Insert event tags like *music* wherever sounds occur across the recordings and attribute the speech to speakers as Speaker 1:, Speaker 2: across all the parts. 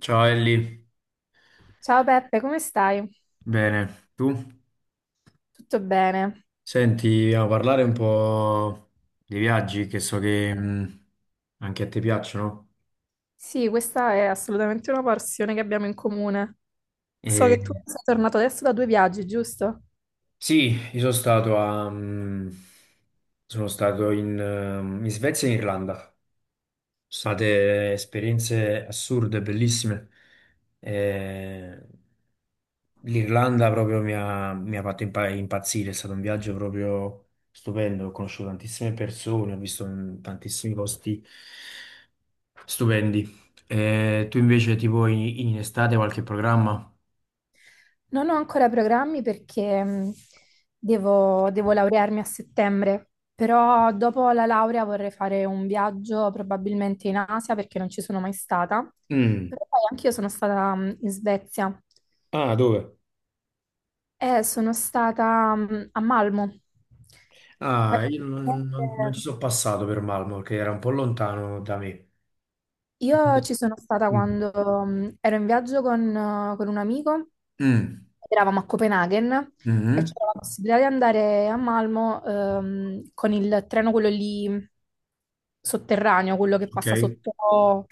Speaker 1: Ciao Ellie,
Speaker 2: Ciao Peppe, come stai?
Speaker 1: bene, tu?
Speaker 2: Tutto bene?
Speaker 1: Senti, a parlare un po' dei viaggi che so che anche a te piacciono.
Speaker 2: Sì, questa è assolutamente una passione che abbiamo in comune. So
Speaker 1: E,
Speaker 2: che tu sei tornato adesso da due viaggi, giusto?
Speaker 1: sì, io sono stato sono stato in Svezia e in Irlanda. Sono state esperienze assurde, bellissime. Eh, L'Irlanda proprio mi ha fatto impazzire, è stato un viaggio proprio stupendo, ho conosciuto tantissime persone, ho visto tantissimi posti stupendi. Tu invece tipo in estate qualche programma?
Speaker 2: Non ho ancora programmi perché devo laurearmi a settembre, però dopo la laurea vorrei fare un viaggio probabilmente in Asia perché non ci sono mai stata.
Speaker 1: Mm.
Speaker 2: Però poi anch'io sono stata in Svezia
Speaker 1: Ah, dove?
Speaker 2: e sono stata a Malmo. Eh,
Speaker 1: Ah, io non ci
Speaker 2: presente-
Speaker 1: sono passato per Malmo perché era un po' lontano da me.
Speaker 2: Io ci sono stata
Speaker 1: Mm.
Speaker 2: quando ero in viaggio con un amico,
Speaker 1: Mm.
Speaker 2: eravamo a Copenaghen e
Speaker 1: Mhm.
Speaker 2: c'era la possibilità di andare a Malmo con il treno, quello lì sotterraneo, quello che
Speaker 1: Ok.
Speaker 2: passa sotto,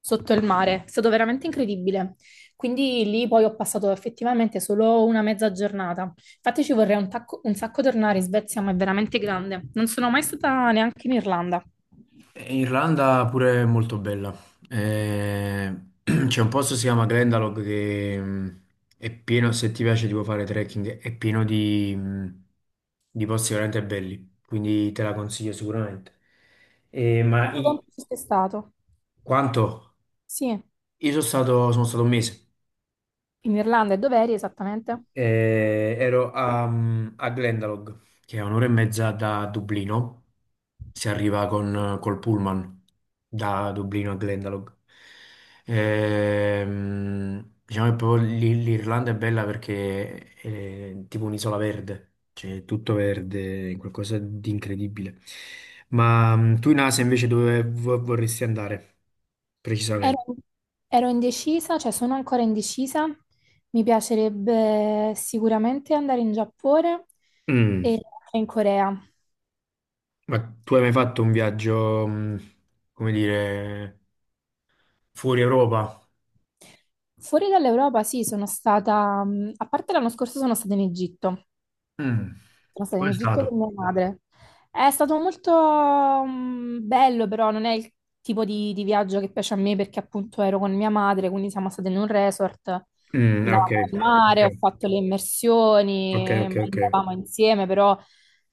Speaker 2: sotto il mare. È stato veramente incredibile. Quindi lì poi ho passato effettivamente solo una mezza giornata. Infatti ci vorrei un sacco tornare in Svezia, ma è veramente grande. Non sono mai stata neanche in Irlanda.
Speaker 1: Irlanda pure è molto bella. Eh, *clears throat* c'è un posto che si chiama Glendalough che è pieno, se ti piace tipo fare trekking, è pieno di posti veramente belli, quindi te la consiglio sicuramente. Eh, ma
Speaker 2: Quanto
Speaker 1: i-
Speaker 2: tempo ci sei stato?
Speaker 1: quanto?
Speaker 2: Sì.
Speaker 1: Io sono stato un mese.
Speaker 2: In Irlanda e dov'eri esattamente?
Speaker 1: Ero a Glendalough, che è un'ora e mezza da Dublino, si arriva con, col pullman da Dublino a Glendalough. Diciamo che proprio l'Irlanda è bella perché è tipo un'isola verde, cioè è tutto verde, è qualcosa di incredibile. Ma tu in Asia invece dove vorresti andare
Speaker 2: Ero,
Speaker 1: precisamente?
Speaker 2: ero indecisa, cioè sono ancora indecisa. Mi piacerebbe sicuramente andare in Giappone
Speaker 1: Mm.
Speaker 2: e in Corea.
Speaker 1: Ma tu hai mai fatto un viaggio, come dire, fuori Europa?
Speaker 2: Fuori dall'Europa, sì, a parte l'anno scorso sono stata in Egitto.
Speaker 1: Mm.
Speaker 2: Sono stata in
Speaker 1: Come è
Speaker 2: Egitto
Speaker 1: stato?
Speaker 2: con mia madre. È stato molto bello, però non è il tipo di viaggio che piace a me perché appunto ero con mia madre, quindi siamo state in un resort,
Speaker 1: Mm, ah, ok,
Speaker 2: andavamo al
Speaker 1: ok.
Speaker 2: mare, ho fatto le
Speaker 1: Ok,
Speaker 2: immersioni,
Speaker 1: ok, ok.
Speaker 2: mangiavamo insieme, però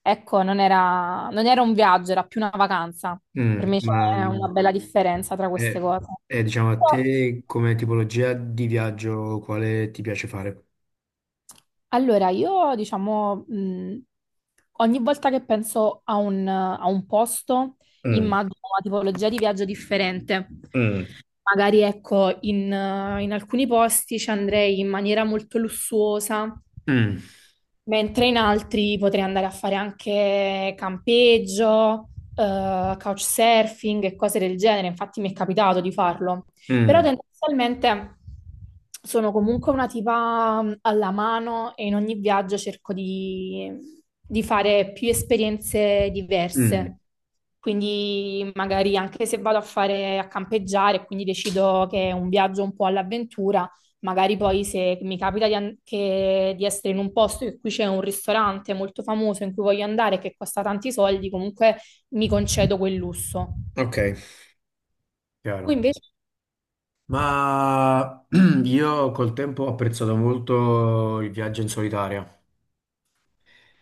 Speaker 2: ecco, non era un viaggio, era più una vacanza. Per
Speaker 1: Mm,
Speaker 2: me
Speaker 1: ma
Speaker 2: c'è una
Speaker 1: mm,
Speaker 2: bella differenza tra queste
Speaker 1: e-
Speaker 2: cose.
Speaker 1: diciamo a
Speaker 2: Però
Speaker 1: te come tipologia di viaggio quale ti piace fare?
Speaker 2: allora, io diciamo, ogni volta che penso a un posto,
Speaker 1: Mm,
Speaker 2: immagino una tipologia di viaggio differente.
Speaker 1: mm,
Speaker 2: Magari, ecco, in alcuni posti ci andrei in maniera molto lussuosa,
Speaker 1: mm,
Speaker 2: mentre in altri potrei andare a fare anche campeggio, couchsurfing e cose del genere. Infatti mi è capitato di farlo. Però
Speaker 1: mm.
Speaker 2: tendenzialmente sono comunque una tipa alla mano e in ogni viaggio di fare più esperienze
Speaker 1: Mm.
Speaker 2: diverse. Quindi magari anche se vado a fare a campeggiare, quindi decido che è un viaggio un po' all'avventura, magari poi se mi capita di essere in un posto in cui c'è un ristorante molto famoso in cui voglio andare che costa tanti soldi, comunque mi concedo quel lusso.
Speaker 1: Ok,
Speaker 2: Tu
Speaker 1: chiaro.
Speaker 2: invece?
Speaker 1: Ma *clears throat* io col tempo ho apprezzato molto il viaggio in solitaria,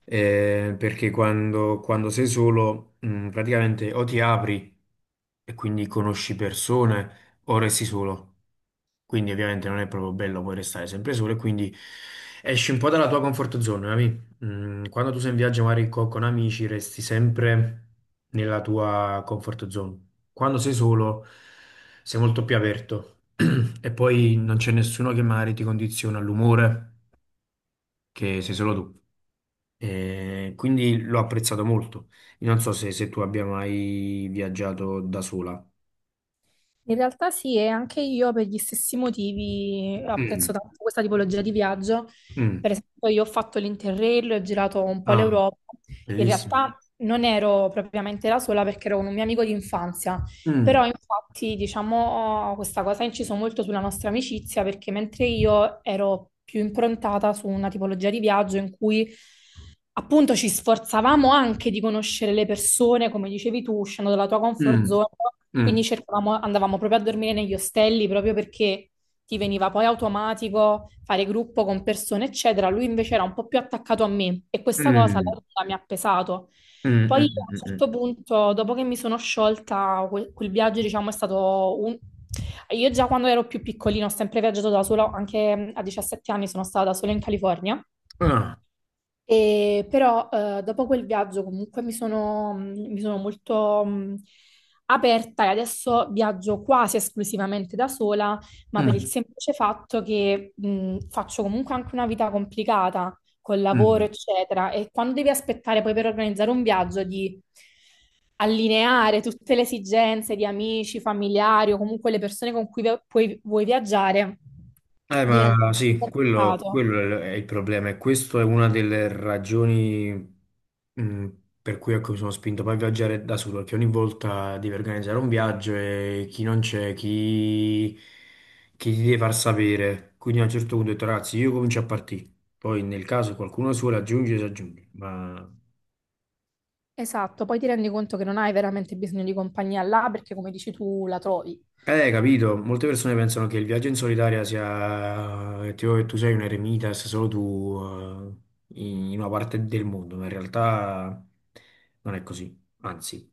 Speaker 1: perché quando sei solo, praticamente o ti apri e quindi conosci persone o resti solo. Quindi ovviamente non è proprio bello poi restare sempre solo e quindi esci un po' dalla tua comfort zone, capi? Quando tu sei in viaggio magari con amici resti sempre nella tua comfort zone. Quando sei solo sei molto più aperto *clears throat* e poi non c'è nessuno che magari ti condiziona l'umore che sei solo tu. E quindi l'ho apprezzato molto. Io non so se tu abbia mai viaggiato da sola.
Speaker 2: In realtà sì, e anche io per gli stessi motivi apprezzo
Speaker 1: Mm,
Speaker 2: tanto questa tipologia di viaggio.
Speaker 1: mm.
Speaker 2: Per esempio, io ho fatto l'Interrail, ho girato un po'
Speaker 1: Ah,
Speaker 2: l'Europa. In
Speaker 1: bellissimo.
Speaker 2: realtà non ero propriamente la sola perché ero con un mio amico di infanzia. Però
Speaker 1: Mm,
Speaker 2: infatti, diciamo, questa cosa ha inciso molto sulla nostra amicizia perché mentre io ero più improntata su una tipologia di viaggio in cui appunto ci sforzavamo anche di conoscere le persone, come dicevi tu, uscendo dalla tua comfort
Speaker 1: mm,
Speaker 2: zone,
Speaker 1: mm.
Speaker 2: quindi andavamo proprio a dormire negli ostelli proprio perché ti veniva poi automatico fare gruppo con persone, eccetera. Lui invece era un po' più attaccato a me e questa cosa alla
Speaker 1: Mm,
Speaker 2: lunga mi ha pesato.
Speaker 1: mm, mm,
Speaker 2: Poi a
Speaker 1: mm, mm.
Speaker 2: un
Speaker 1: Mm.
Speaker 2: certo punto, dopo che mi sono sciolta, quel viaggio, diciamo, è stato un... Io già quando ero più piccolino ho sempre viaggiato da sola, anche a 17 anni sono stata da sola in California
Speaker 1: Ah,
Speaker 2: e però dopo quel viaggio comunque mi sono molto aperta e adesso viaggio quasi esclusivamente da sola, ma per il
Speaker 1: mm,
Speaker 2: semplice fatto che faccio comunque anche una vita complicata col lavoro,
Speaker 1: mm.
Speaker 2: eccetera, e quando devi aspettare poi per organizzare un viaggio di allineare tutte le esigenze di amici, familiari o comunque le persone con cui vuoi viaggiare, diventa
Speaker 1: Ma
Speaker 2: un
Speaker 1: sì,
Speaker 2: po' complicato.
Speaker 1: quello è il problema e questa è una delle ragioni mm, per cui ecco, mi sono spinto poi a viaggiare da solo, perché ogni volta devi organizzare un viaggio e chi non c'è, chi ti deve far sapere. Quindi a un certo punto ho detto, ragazzi, io comincio a partire, poi nel caso qualcuno suole si aggiunge, ma.
Speaker 2: Esatto, poi ti rendi conto che non hai veramente bisogno di compagnia là perché, come dici tu, la trovi.
Speaker 1: Capito, molte persone pensano che il viaggio in solitaria sia, tipo che tu sei un eremita e sei solo tu, in una parte del mondo, ma in realtà non è così, anzi.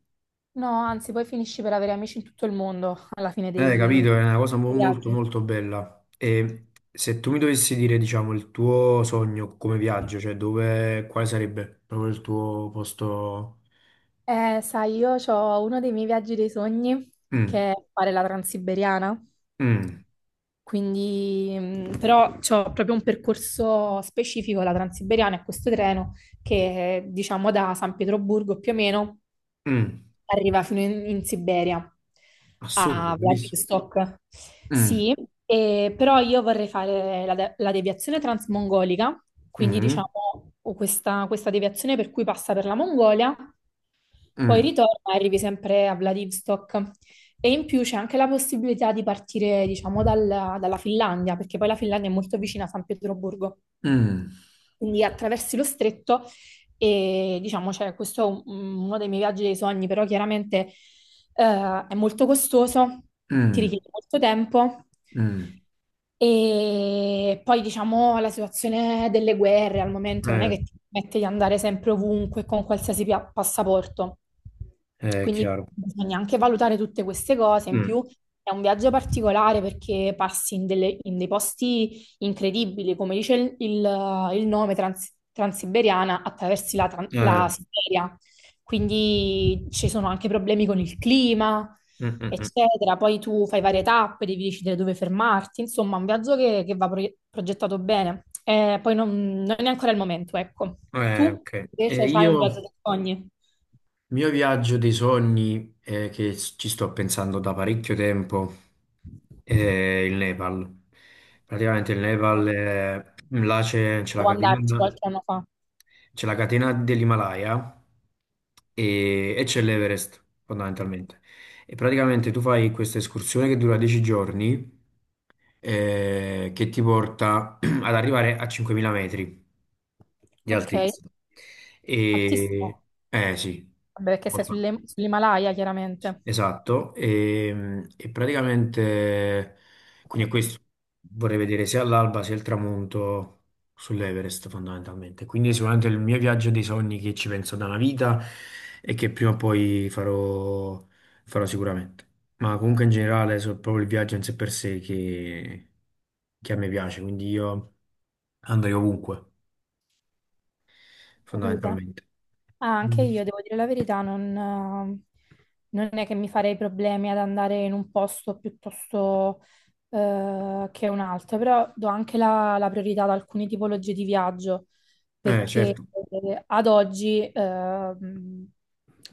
Speaker 2: No, anzi, poi finisci per avere amici in tutto il mondo alla fine
Speaker 1: Eh,
Speaker 2: dei
Speaker 1: capito, è una cosa
Speaker 2: dei
Speaker 1: molto
Speaker 2: viaggi.
Speaker 1: molto bella. E se tu mi dovessi dire, diciamo, il tuo sogno come viaggio, cioè dove, quale sarebbe proprio il tuo posto?
Speaker 2: Sai, io ho uno dei miei viaggi dei sogni
Speaker 1: Mm,
Speaker 2: che è fare la Transiberiana.
Speaker 1: mm,
Speaker 2: Quindi, c'ho proprio un percorso specifico, la Transiberiana, e questo treno che, diciamo, da San Pietroburgo più o meno
Speaker 1: mm.
Speaker 2: arriva fino in Siberia,
Speaker 1: Assurdo,
Speaker 2: a
Speaker 1: bellissimo.
Speaker 2: Vladivostok.
Speaker 1: Mm,
Speaker 2: Sì, però io vorrei fare la deviazione transmongolica, quindi
Speaker 1: mm,
Speaker 2: diciamo questa deviazione per cui passa per la Mongolia poi
Speaker 1: mm,
Speaker 2: ritorna e arrivi sempre a Vladivostok. E in più c'è anche la possibilità di partire, diciamo, dalla Finlandia, perché poi la Finlandia è molto vicina a San Pietroburgo.
Speaker 1: mm,
Speaker 2: Quindi attraversi lo stretto e diciamo, cioè, questo è uno dei miei viaggi dei sogni, però chiaramente è molto costoso, ti
Speaker 1: mm,
Speaker 2: richiede molto tempo.
Speaker 1: mm.
Speaker 2: E poi diciamo la situazione delle guerre al momento non è
Speaker 1: Eh,
Speaker 2: che ti permette di andare sempre ovunque con qualsiasi passaporto.
Speaker 1: è
Speaker 2: Quindi
Speaker 1: chiaro.
Speaker 2: bisogna anche valutare tutte queste cose. In
Speaker 1: Mm,
Speaker 2: più è un viaggio particolare perché in dei posti incredibili, come dice il nome transiberiana, attraversi la
Speaker 1: eh,
Speaker 2: Siberia. Quindi ci sono anche problemi con il clima,
Speaker 1: mm, mm, mm.
Speaker 2: eccetera. Poi tu fai varie tappe, devi decidere dove fermarti. Insomma, un viaggio che va progettato bene. Poi non è ancora il momento, ecco.
Speaker 1: Eh,
Speaker 2: Tu
Speaker 1: ok.
Speaker 2: invece
Speaker 1: Eh,
Speaker 2: hai un
Speaker 1: io,
Speaker 2: viaggio
Speaker 1: il
Speaker 2: dei sogni?
Speaker 1: mio viaggio dei sogni, che ci sto pensando da parecchio tempo, è il Nepal. Praticamente il Nepal,
Speaker 2: No,
Speaker 1: là c'è c'è la
Speaker 2: devo andarci
Speaker 1: catena,
Speaker 2: qualche anno fa.
Speaker 1: c'è la catena dell'Himalaya e c'è l'Everest, fondamentalmente. E praticamente tu fai questa escursione che dura 10 giorni, che ti porta *clears throat* ad arrivare a 5.000 metri di
Speaker 2: Ok,
Speaker 1: altezza. E,
Speaker 2: altissimo.
Speaker 1: eh sì,
Speaker 2: Vabbè, perché sei
Speaker 1: molto alto.
Speaker 2: sull'Himalaya, chiaramente.
Speaker 1: Esatto. E praticamente, quindi questo vorrei vedere sia l'alba sia il tramonto sull'Everest fondamentalmente. Quindi sicuramente il mio viaggio dei sogni che ci penso da una vita e che prima o poi farò, farò sicuramente. Ma comunque in generale è proprio il viaggio in sé per sé che a me piace, quindi io andrei ovunque
Speaker 2: Capito.
Speaker 1: fondamentalmente.
Speaker 2: Ah, anche io, devo dire la verità, non è che mi farei problemi ad andare in un posto piuttosto che un altro, però do anche la priorità ad alcune tipologie di viaggio, perché
Speaker 1: Certo,
Speaker 2: ad oggi,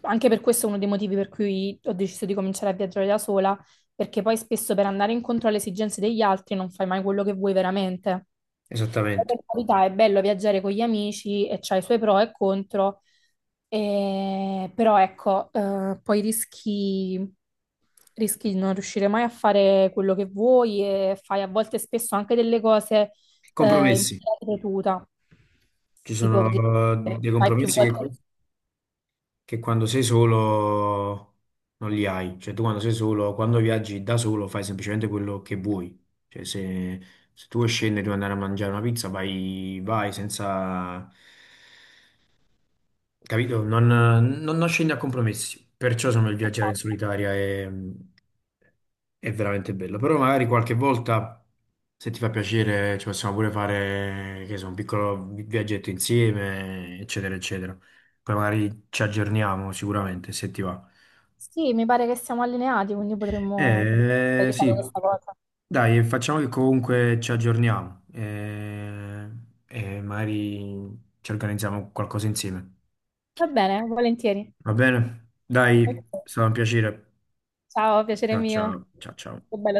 Speaker 2: anche per questo è uno dei motivi per cui ho deciso di cominciare a viaggiare da sola, perché poi spesso per andare incontro alle esigenze degli altri non fai mai quello che vuoi veramente. Poi,
Speaker 1: esattamente.
Speaker 2: per carità, è bello viaggiare con gli amici e c'ha i suoi pro e contro, però ecco, poi rischi di non riuscire mai a fare quello che vuoi e fai a volte spesso anche delle cose eh, in
Speaker 1: Compromessi.
Speaker 2: maniera ripetuta,
Speaker 1: Ci sono
Speaker 2: tipo che
Speaker 1: dei
Speaker 2: fai più
Speaker 1: compromessi
Speaker 2: volte.
Speaker 1: che quando sei solo non li hai. Cioè tu quando sei solo, quando viaggi da solo fai semplicemente quello che vuoi. Cioè se tu vuoi scendere, devi andare a mangiare una pizza, vai, vai senza. Capito? Non scendi a compromessi, perciò sono il viaggiare in solitaria è veramente bello. Però magari qualche volta, se ti fa piacere, ci possiamo pure fare, che so, un piccolo viaggetto insieme, eccetera, eccetera. Poi magari ci aggiorniamo sicuramente, se ti va.
Speaker 2: Sì, mi pare che siamo allineati, quindi potremmo fare
Speaker 1: Sì,
Speaker 2: questa cosa.
Speaker 1: dai, facciamo che comunque ci aggiorniamo e magari ci organizziamo qualcosa insieme.
Speaker 2: Va bene, volentieri.
Speaker 1: Va bene? Dai,
Speaker 2: Ok.
Speaker 1: è stato un piacere.
Speaker 2: Ciao, piacere
Speaker 1: Ciao
Speaker 2: mio.
Speaker 1: ciao, ciao ciao.
Speaker 2: Che bello